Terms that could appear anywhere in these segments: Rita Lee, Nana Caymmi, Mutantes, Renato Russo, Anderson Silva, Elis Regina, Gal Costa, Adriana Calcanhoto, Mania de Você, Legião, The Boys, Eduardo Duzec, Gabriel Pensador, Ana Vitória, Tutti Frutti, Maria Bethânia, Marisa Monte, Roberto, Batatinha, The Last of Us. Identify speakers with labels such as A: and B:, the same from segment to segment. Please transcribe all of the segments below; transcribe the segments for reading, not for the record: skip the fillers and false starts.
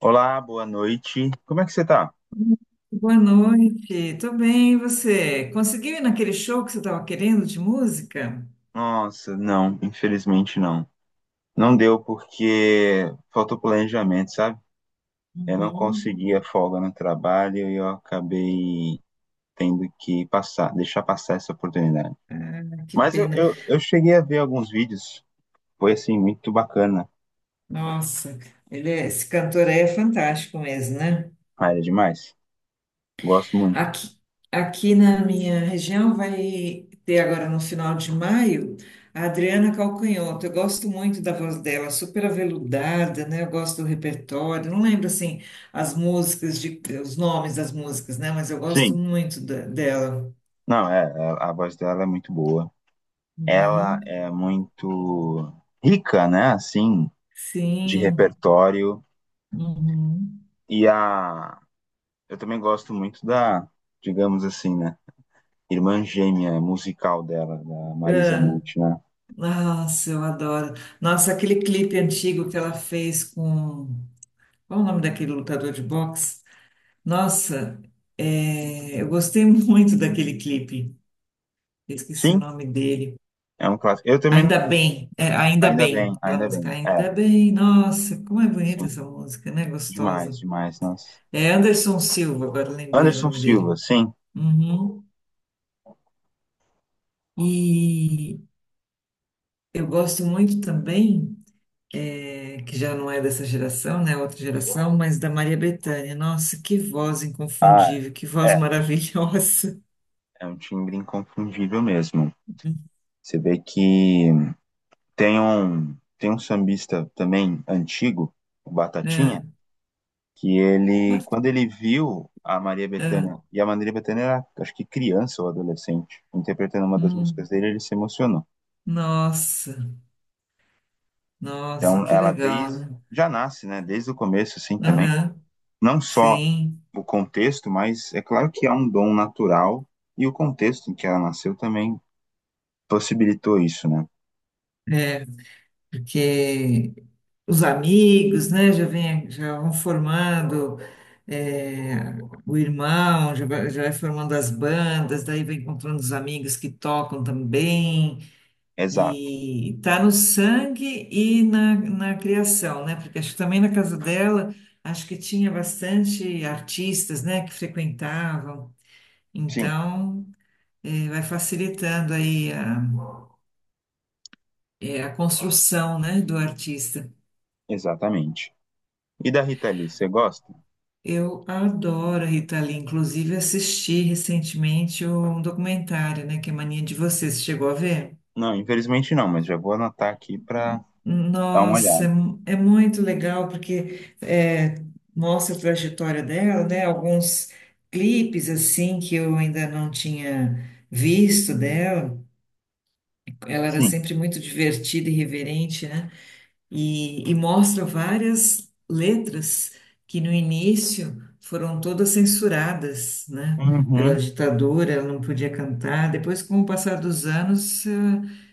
A: Olá, boa noite. Como é que você tá?
B: Boa noite, tô bem, e você? Conseguiu ir naquele show que você estava querendo de música?
A: Nossa, não, infelizmente não. Não deu porque faltou planejamento, sabe? Eu não
B: Uhum.
A: conseguia folga no trabalho e eu acabei tendo que passar, deixar passar essa oportunidade.
B: Ah, que
A: Mas eu,
B: pena.
A: eu, eu cheguei a ver alguns vídeos, foi assim, muito bacana.
B: Nossa, esse cantor aí é fantástico mesmo, né?
A: Ah, era demais. Gosto muito.
B: Aqui, aqui na minha região vai ter agora no final de maio a Adriana Calcanhoto. Eu gosto muito da voz dela, super aveludada, né? Eu gosto do repertório. Não lembro assim as músicas de, os nomes das músicas, né? Mas eu gosto
A: Sim,
B: muito dela.
A: não, é, é- a voz dela é muito boa. Ela
B: Uhum.
A: é muito rica, né? Assim, de
B: Sim.
A: repertório.
B: Uhum.
A: E a, eu também gosto muito da, digamos assim, né? Irmã gêmea musical dela, da Marisa
B: Ah,
A: Monte, né?
B: nossa, eu adoro. Nossa, aquele clipe antigo que ela fez com. Qual o nome daquele lutador de boxe? Nossa, é, eu gostei muito daquele clipe. Eu esqueci o
A: Sim,
B: nome dele.
A: é um clássico. Eu também,
B: Ainda bem, é, ainda
A: ainda
B: bem,
A: bem,
B: aquela
A: ainda
B: música,
A: bem. É,
B: ainda bem, nossa, como é bonita
A: sim,
B: essa música, né?
A: demais,
B: Gostosa.
A: demais, nossa.
B: É Anderson Silva, agora lembrei o
A: Anderson
B: nome
A: Silva,
B: dele.
A: sim.
B: Uhum. E eu gosto muito também. É, que já não é dessa geração, né? Outra geração, mas da Maria Bethânia. Nossa, que voz
A: Ah,
B: inconfundível, que voz
A: é,
B: maravilhosa.
A: é um timbre inconfundível mesmo. Você vê que tem um sambista também antigo, o Batatinha,
B: É,
A: que ele,
B: mas-
A: quando ele viu a Maria
B: é,
A: Bethânia, e a Maria Bethânia era, acho que criança ou adolescente, interpretando uma das músicas
B: hum,
A: dele, ele se emocionou.
B: nossa, nossa,
A: Então,
B: que
A: ela
B: legal,
A: desde,
B: né?
A: já nasce, né, desde o começo, assim, também,
B: Aham,
A: não só
B: sim,
A: o contexto, mas é claro que há um dom natural, e o contexto em que ela nasceu também possibilitou isso, né?
B: porque os amigos, né, já vem, já vão formando é, o irmão, já vai formando as bandas, daí vai encontrando os amigos que tocam também.
A: Exato,
B: E está no sangue e na, na criação, né? Porque acho que também na casa dela, acho que tinha bastante artistas, né, que frequentavam.
A: sim,
B: Então, vai facilitando aí a, a construção, né, do artista.
A: exatamente. E da Rita Lee, você gosta?
B: Eu adoro a Rita Lee, inclusive assisti recentemente um documentário, né, que é Mania de Você. Você chegou a ver?
A: Não, infelizmente não, mas já vou anotar aqui para dar uma
B: Nossa, é,
A: olhada.
B: é muito legal porque é, mostra a trajetória dela, né? Alguns clipes assim que eu ainda não tinha visto dela. Ela era
A: Sim.
B: sempre muito divertida e reverente, né? E mostra várias letras que no início foram todas censuradas, né, pela
A: Uhum.
B: ditadura, ela não podia cantar. Depois, com o passar dos anos,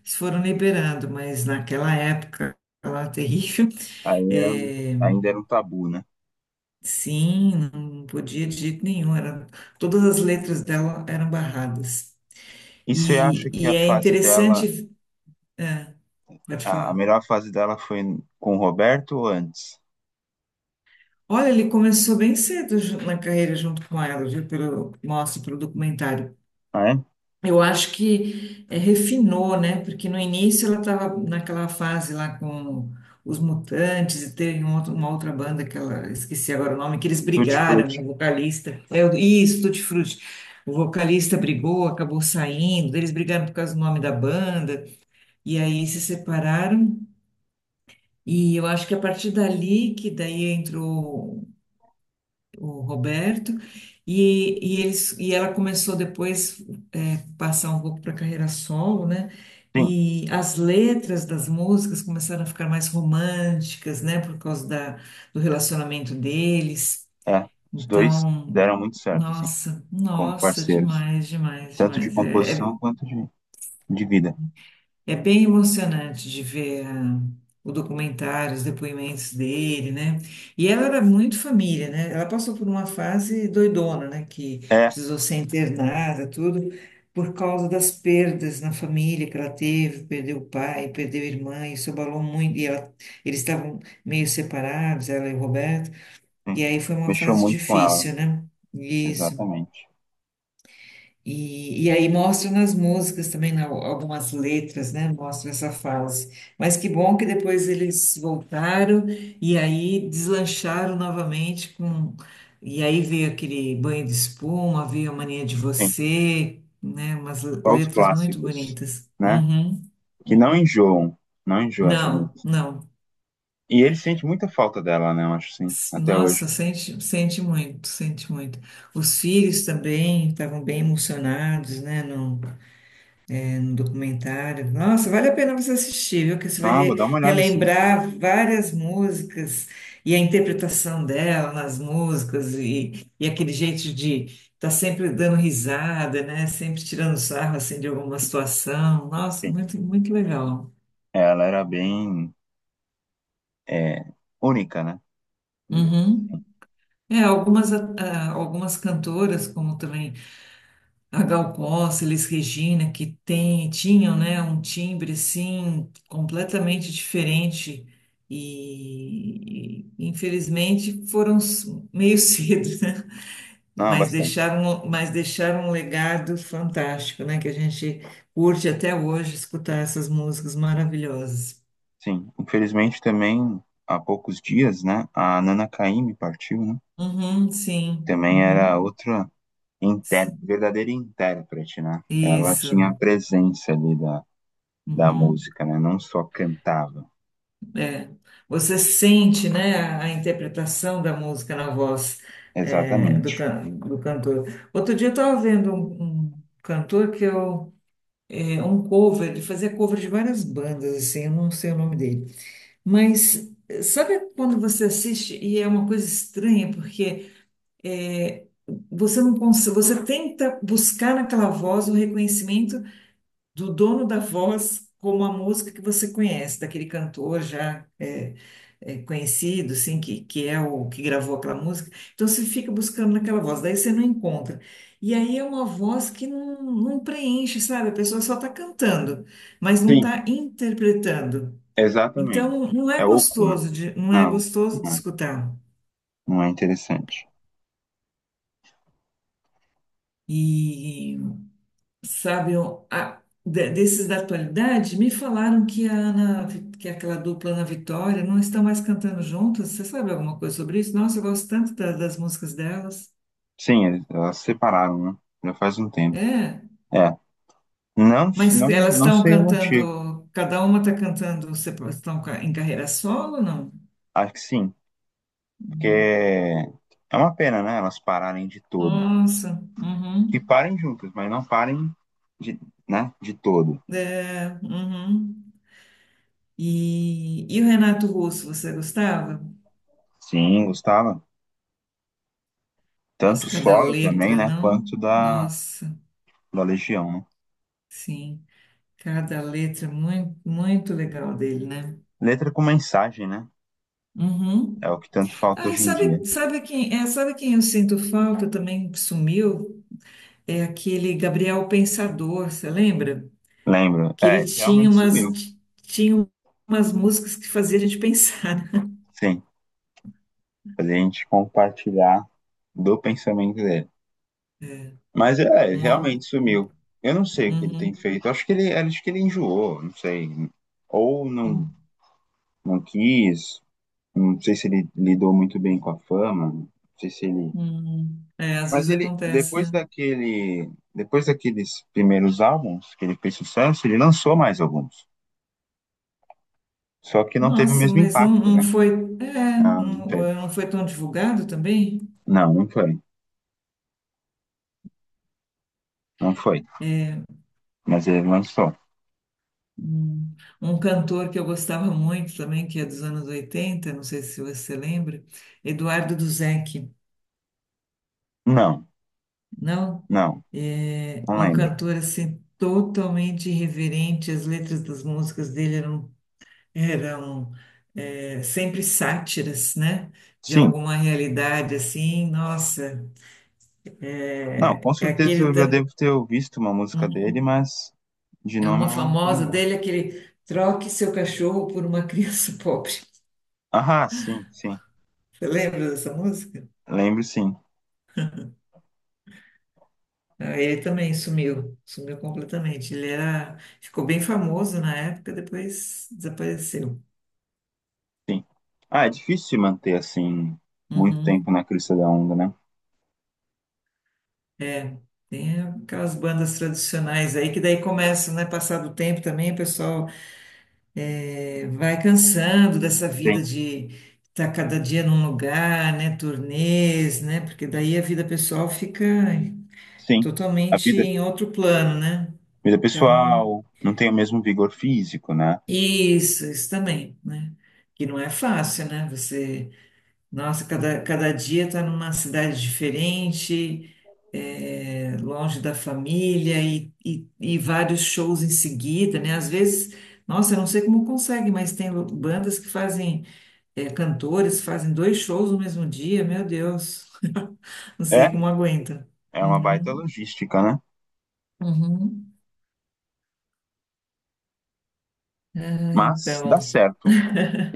B: eles foram liberando, mas naquela época lá terrível,
A: Aí era,
B: eh,
A: ainda era um tabu, né?
B: sim, não podia de jeito nenhum. Era, todas as letras dela eram barradas.
A: E você acha
B: E,
A: que
B: e
A: a
B: é
A: fase dela,
B: interessante, pode
A: a
B: falar.
A: melhor fase dela foi com o Roberto ou antes?
B: Olha, ele começou bem cedo na carreira junto com ela, viu? Pelo, mostra pelo documentário.
A: Ah, é?
B: Eu acho que refinou, né? Porque no início ela estava naquela fase lá com os Mutantes e teve uma outra banda que ela, esqueci agora o nome, que eles
A: Tutti
B: brigaram,
A: Frutti.
B: o vocalista. É, isso, Tutti Frutti. O vocalista brigou, acabou saindo, eles brigaram por causa do nome da banda, e aí se separaram. E eu acho que a partir dali que daí entrou. O Roberto, eles, e ela começou depois é, passar um pouco para carreira solo, né?
A: Sim,
B: E as letras das músicas começaram a ficar mais românticas, né? Por causa da, do relacionamento deles.
A: é. Os dois
B: Então,
A: deram muito certo, assim,
B: nossa,
A: como
B: nossa,
A: parceiros.
B: demais, demais,
A: Tanto de
B: demais. É
A: composição quanto de vida.
B: é bem emocionante de ver o documentário, os depoimentos dele, né? E ela era muito família, né? Ela passou por uma fase doidona, né? Que
A: É,
B: precisou ser internada, tudo, por causa das perdas na família que ela teve, perdeu o pai, perdeu a irmã, isso abalou muito. E eles estavam meio separados, ela e o Roberto,
A: sim.
B: e aí foi uma
A: Mexeu
B: fase
A: muito com ela,
B: difícil, né? Isso.
A: exatamente.
B: E aí mostram nas músicas também, algumas letras, né? Mostra essa fase. Mas que bom que depois eles voltaram e aí deslancharam novamente com. E aí veio aquele banho de espuma, veio a mania de
A: Sim,
B: você, né? Umas
A: só os
B: letras muito
A: clássicos,
B: bonitas.
A: né?
B: Uhum,
A: Que não
B: uhum.
A: enjoam. Não enjoam essas
B: Não,
A: músicas.
B: não.
A: E ele sente muita falta dela, né? Eu acho, sim, até hoje.
B: Nossa, sente, sente muito, sente muito. Os filhos também estavam bem emocionados, né? Um documentário. Nossa, vale a pena você assistir, viu? Que você vai
A: Não, vou dar uma olhada, sim.
B: relembrar várias músicas e a interpretação dela nas músicas e aquele jeito de estar sempre dando risada, né? Sempre tirando sarro assim de alguma situação. Nossa,
A: Sim.
B: muito, muito legal.
A: Ela era bem é, única, né? Digamos.
B: Uhum. É, algumas, algumas cantoras, como também. A Gal Costa, Elis Regina, que tem, tinham, né, um timbre assim completamente diferente e infelizmente foram meio cedo, né?
A: Ah, bastante.
B: Mas deixaram um legado fantástico, né, que a gente curte até hoje escutar essas músicas maravilhosas.
A: Sim. Infelizmente também há poucos dias, né? A Nana Caymmi partiu, né?
B: Uhum, sim,
A: Também era
B: uhum,
A: outra inter...
B: sim.
A: verdadeira intérprete, né? Ela tinha a
B: Isso.
A: presença ali da, da
B: Uhum.
A: música, né? Não só cantava.
B: É, você sente, né, a interpretação da música na voz é, do,
A: Exatamente.
B: do cantor. Outro dia eu estava vendo um cantor que eu, é um cover, ele fazia cover de várias bandas, assim, eu não sei o nome dele. Mas eh, sabe quando você assiste e é uma coisa estranha, porque é, você não consegue, você tenta buscar naquela voz o reconhecimento do dono da voz como a música que você conhece, daquele cantor já é, é, conhecido, assim, que é o que gravou aquela música. Então você fica buscando naquela voz, daí você não encontra. E aí é uma voz que não, não preenche, sabe? A pessoa só está cantando, mas não
A: Sim,
B: está interpretando.
A: exatamente.
B: Então não
A: É
B: é
A: oco, né?
B: gostoso de, não é
A: Não,
B: gostoso de
A: não é,
B: escutar.
A: não é interessante.
B: E sabe, desses da atualidade, me falaram que a que é aquela dupla Ana Vitória não estão mais cantando juntas. Você sabe alguma coisa sobre isso? Nossa, eu gosto tanto das músicas delas.
A: Sim, eles- elas se separaram, né? Já faz um tempo.
B: É,
A: É. Não,
B: mas
A: não,
B: elas
A: não
B: estão
A: sei o motivo.
B: cantando, cada uma está cantando, em carreira solo, não?
A: Acho que sim.
B: Hum.
A: Porque é uma pena, né? Elas pararem de todo.
B: Nossa,
A: Que
B: uhum.
A: parem juntas, mas não parem de, né, de todo.
B: É, uhum. E o Renato Russo, você gostava?
A: Sim, gostava.
B: Nossa,
A: Tanto
B: cada
A: solo também,
B: letra,
A: né?
B: não?
A: Quanto da,
B: Nossa,
A: da Legião, né?
B: sim. Cada letra muito, muito legal dele, né?
A: Letra com mensagem, né? É
B: Uhum.
A: o que tanto falta
B: Ah, e
A: hoje em dia.
B: sabe, sabe quem, é, sabe quem eu sinto falta também que sumiu? É aquele Gabriel Pensador, você lembra?
A: Lembro.
B: Que
A: É,
B: ele
A: ele
B: tinha
A: realmente
B: umas,
A: sumiu.
B: tinha umas músicas que fazia a gente pensar.
A: Sim. Fazer a gente compartilhar do pensamento dele.
B: É.
A: Mas é, ele
B: Um ó-
A: realmente sumiu. Eu não sei o que ele tem
B: uhum,
A: feito. Acho que ele enjoou, não sei. Ou não,
B: uhum,
A: não quis, não sei se ele lidou muito bem com a fama, não sei se ele.
B: uhum. É, às
A: Mas
B: vezes
A: ele,
B: acontece,
A: depois
B: né?
A: daquele, depois daqueles primeiros álbuns que ele fez sucesso, ele lançou mais alguns. Só que não teve o
B: Nossa,
A: mesmo
B: mas não,
A: impacto,
B: não
A: né?
B: foi, é,
A: Não, não
B: não,
A: teve.
B: não foi tão divulgado também?
A: Não, não foi. Não foi.
B: É.
A: Mas ele lançou.
B: Hum. Um cantor que eu gostava muito também, que é dos anos 80 não sei se você lembra, Eduardo Duzec,
A: Não,
B: não?
A: não,
B: É
A: não
B: um
A: lembro.
B: cantor assim totalmente irreverente, as letras das músicas dele eram, eram é, sempre sátiras, né? De
A: Sim,
B: alguma realidade assim, nossa,
A: não,
B: é,
A: com
B: é
A: certeza
B: aquele
A: eu já devo ter visto uma música dele, mas de
B: é
A: nome
B: uma
A: eu não
B: famosa
A: lembro.
B: dele, aquele troque seu cachorro por uma criança pobre.
A: Ah, sim, sim.
B: Você lembra dessa música?
A: Lembro sim.
B: Não, ele também sumiu, sumiu completamente. Ele era, ficou bem famoso na época, depois desapareceu.
A: Sim. Ah, é difícil se manter assim muito tempo
B: Uhum,
A: na crista da onda, né?
B: é, tem aquelas bandas tradicionais aí que daí começam, né? Passar do tempo também, o pessoal é, vai cansando dessa vida
A: Sim,
B: de estar cada dia num lugar, né? Turnês, né? Porque daí a vida pessoal fica
A: sim. A
B: totalmente
A: vida,
B: em outro plano, né?
A: vida
B: Então,
A: pessoal não tem o mesmo vigor físico, né?
B: isso também, né? Que não é fácil, né? Você nossa, cada, cada dia está numa cidade diferente, é, longe da família e vários shows em seguida, né? Às vezes, nossa, eu não sei como consegue, mas tem bandas que fazem, é, cantores fazem dois shows no mesmo dia, meu Deus, não
A: É,
B: sei como aguenta.
A: é uma baita
B: Uhum,
A: logística, né?
B: uhum. Ah,
A: Mas
B: então,
A: dá certo.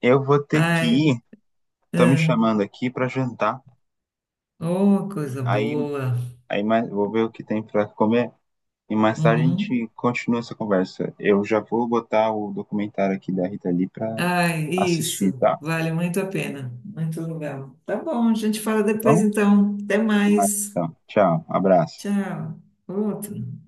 A: Eu vou ter
B: ai,
A: que ir. Estão me
B: ah,
A: chamando aqui para jantar.
B: oh, coisa
A: Aí,
B: boa.
A: aí mais, vou ver o que tem para comer e mais tarde a gente
B: Uhum.
A: continua essa conversa. Eu já vou botar o documentário aqui da Rita Lee para
B: Ai,
A: assistir,
B: isso.
A: tá? Tá
B: Vale muito a pena. Muito legal. Tá bom, a gente fala depois
A: bom?
B: então. Até
A: Até mais,
B: mais.
A: então, tchau, abraço.
B: Tchau. Outro.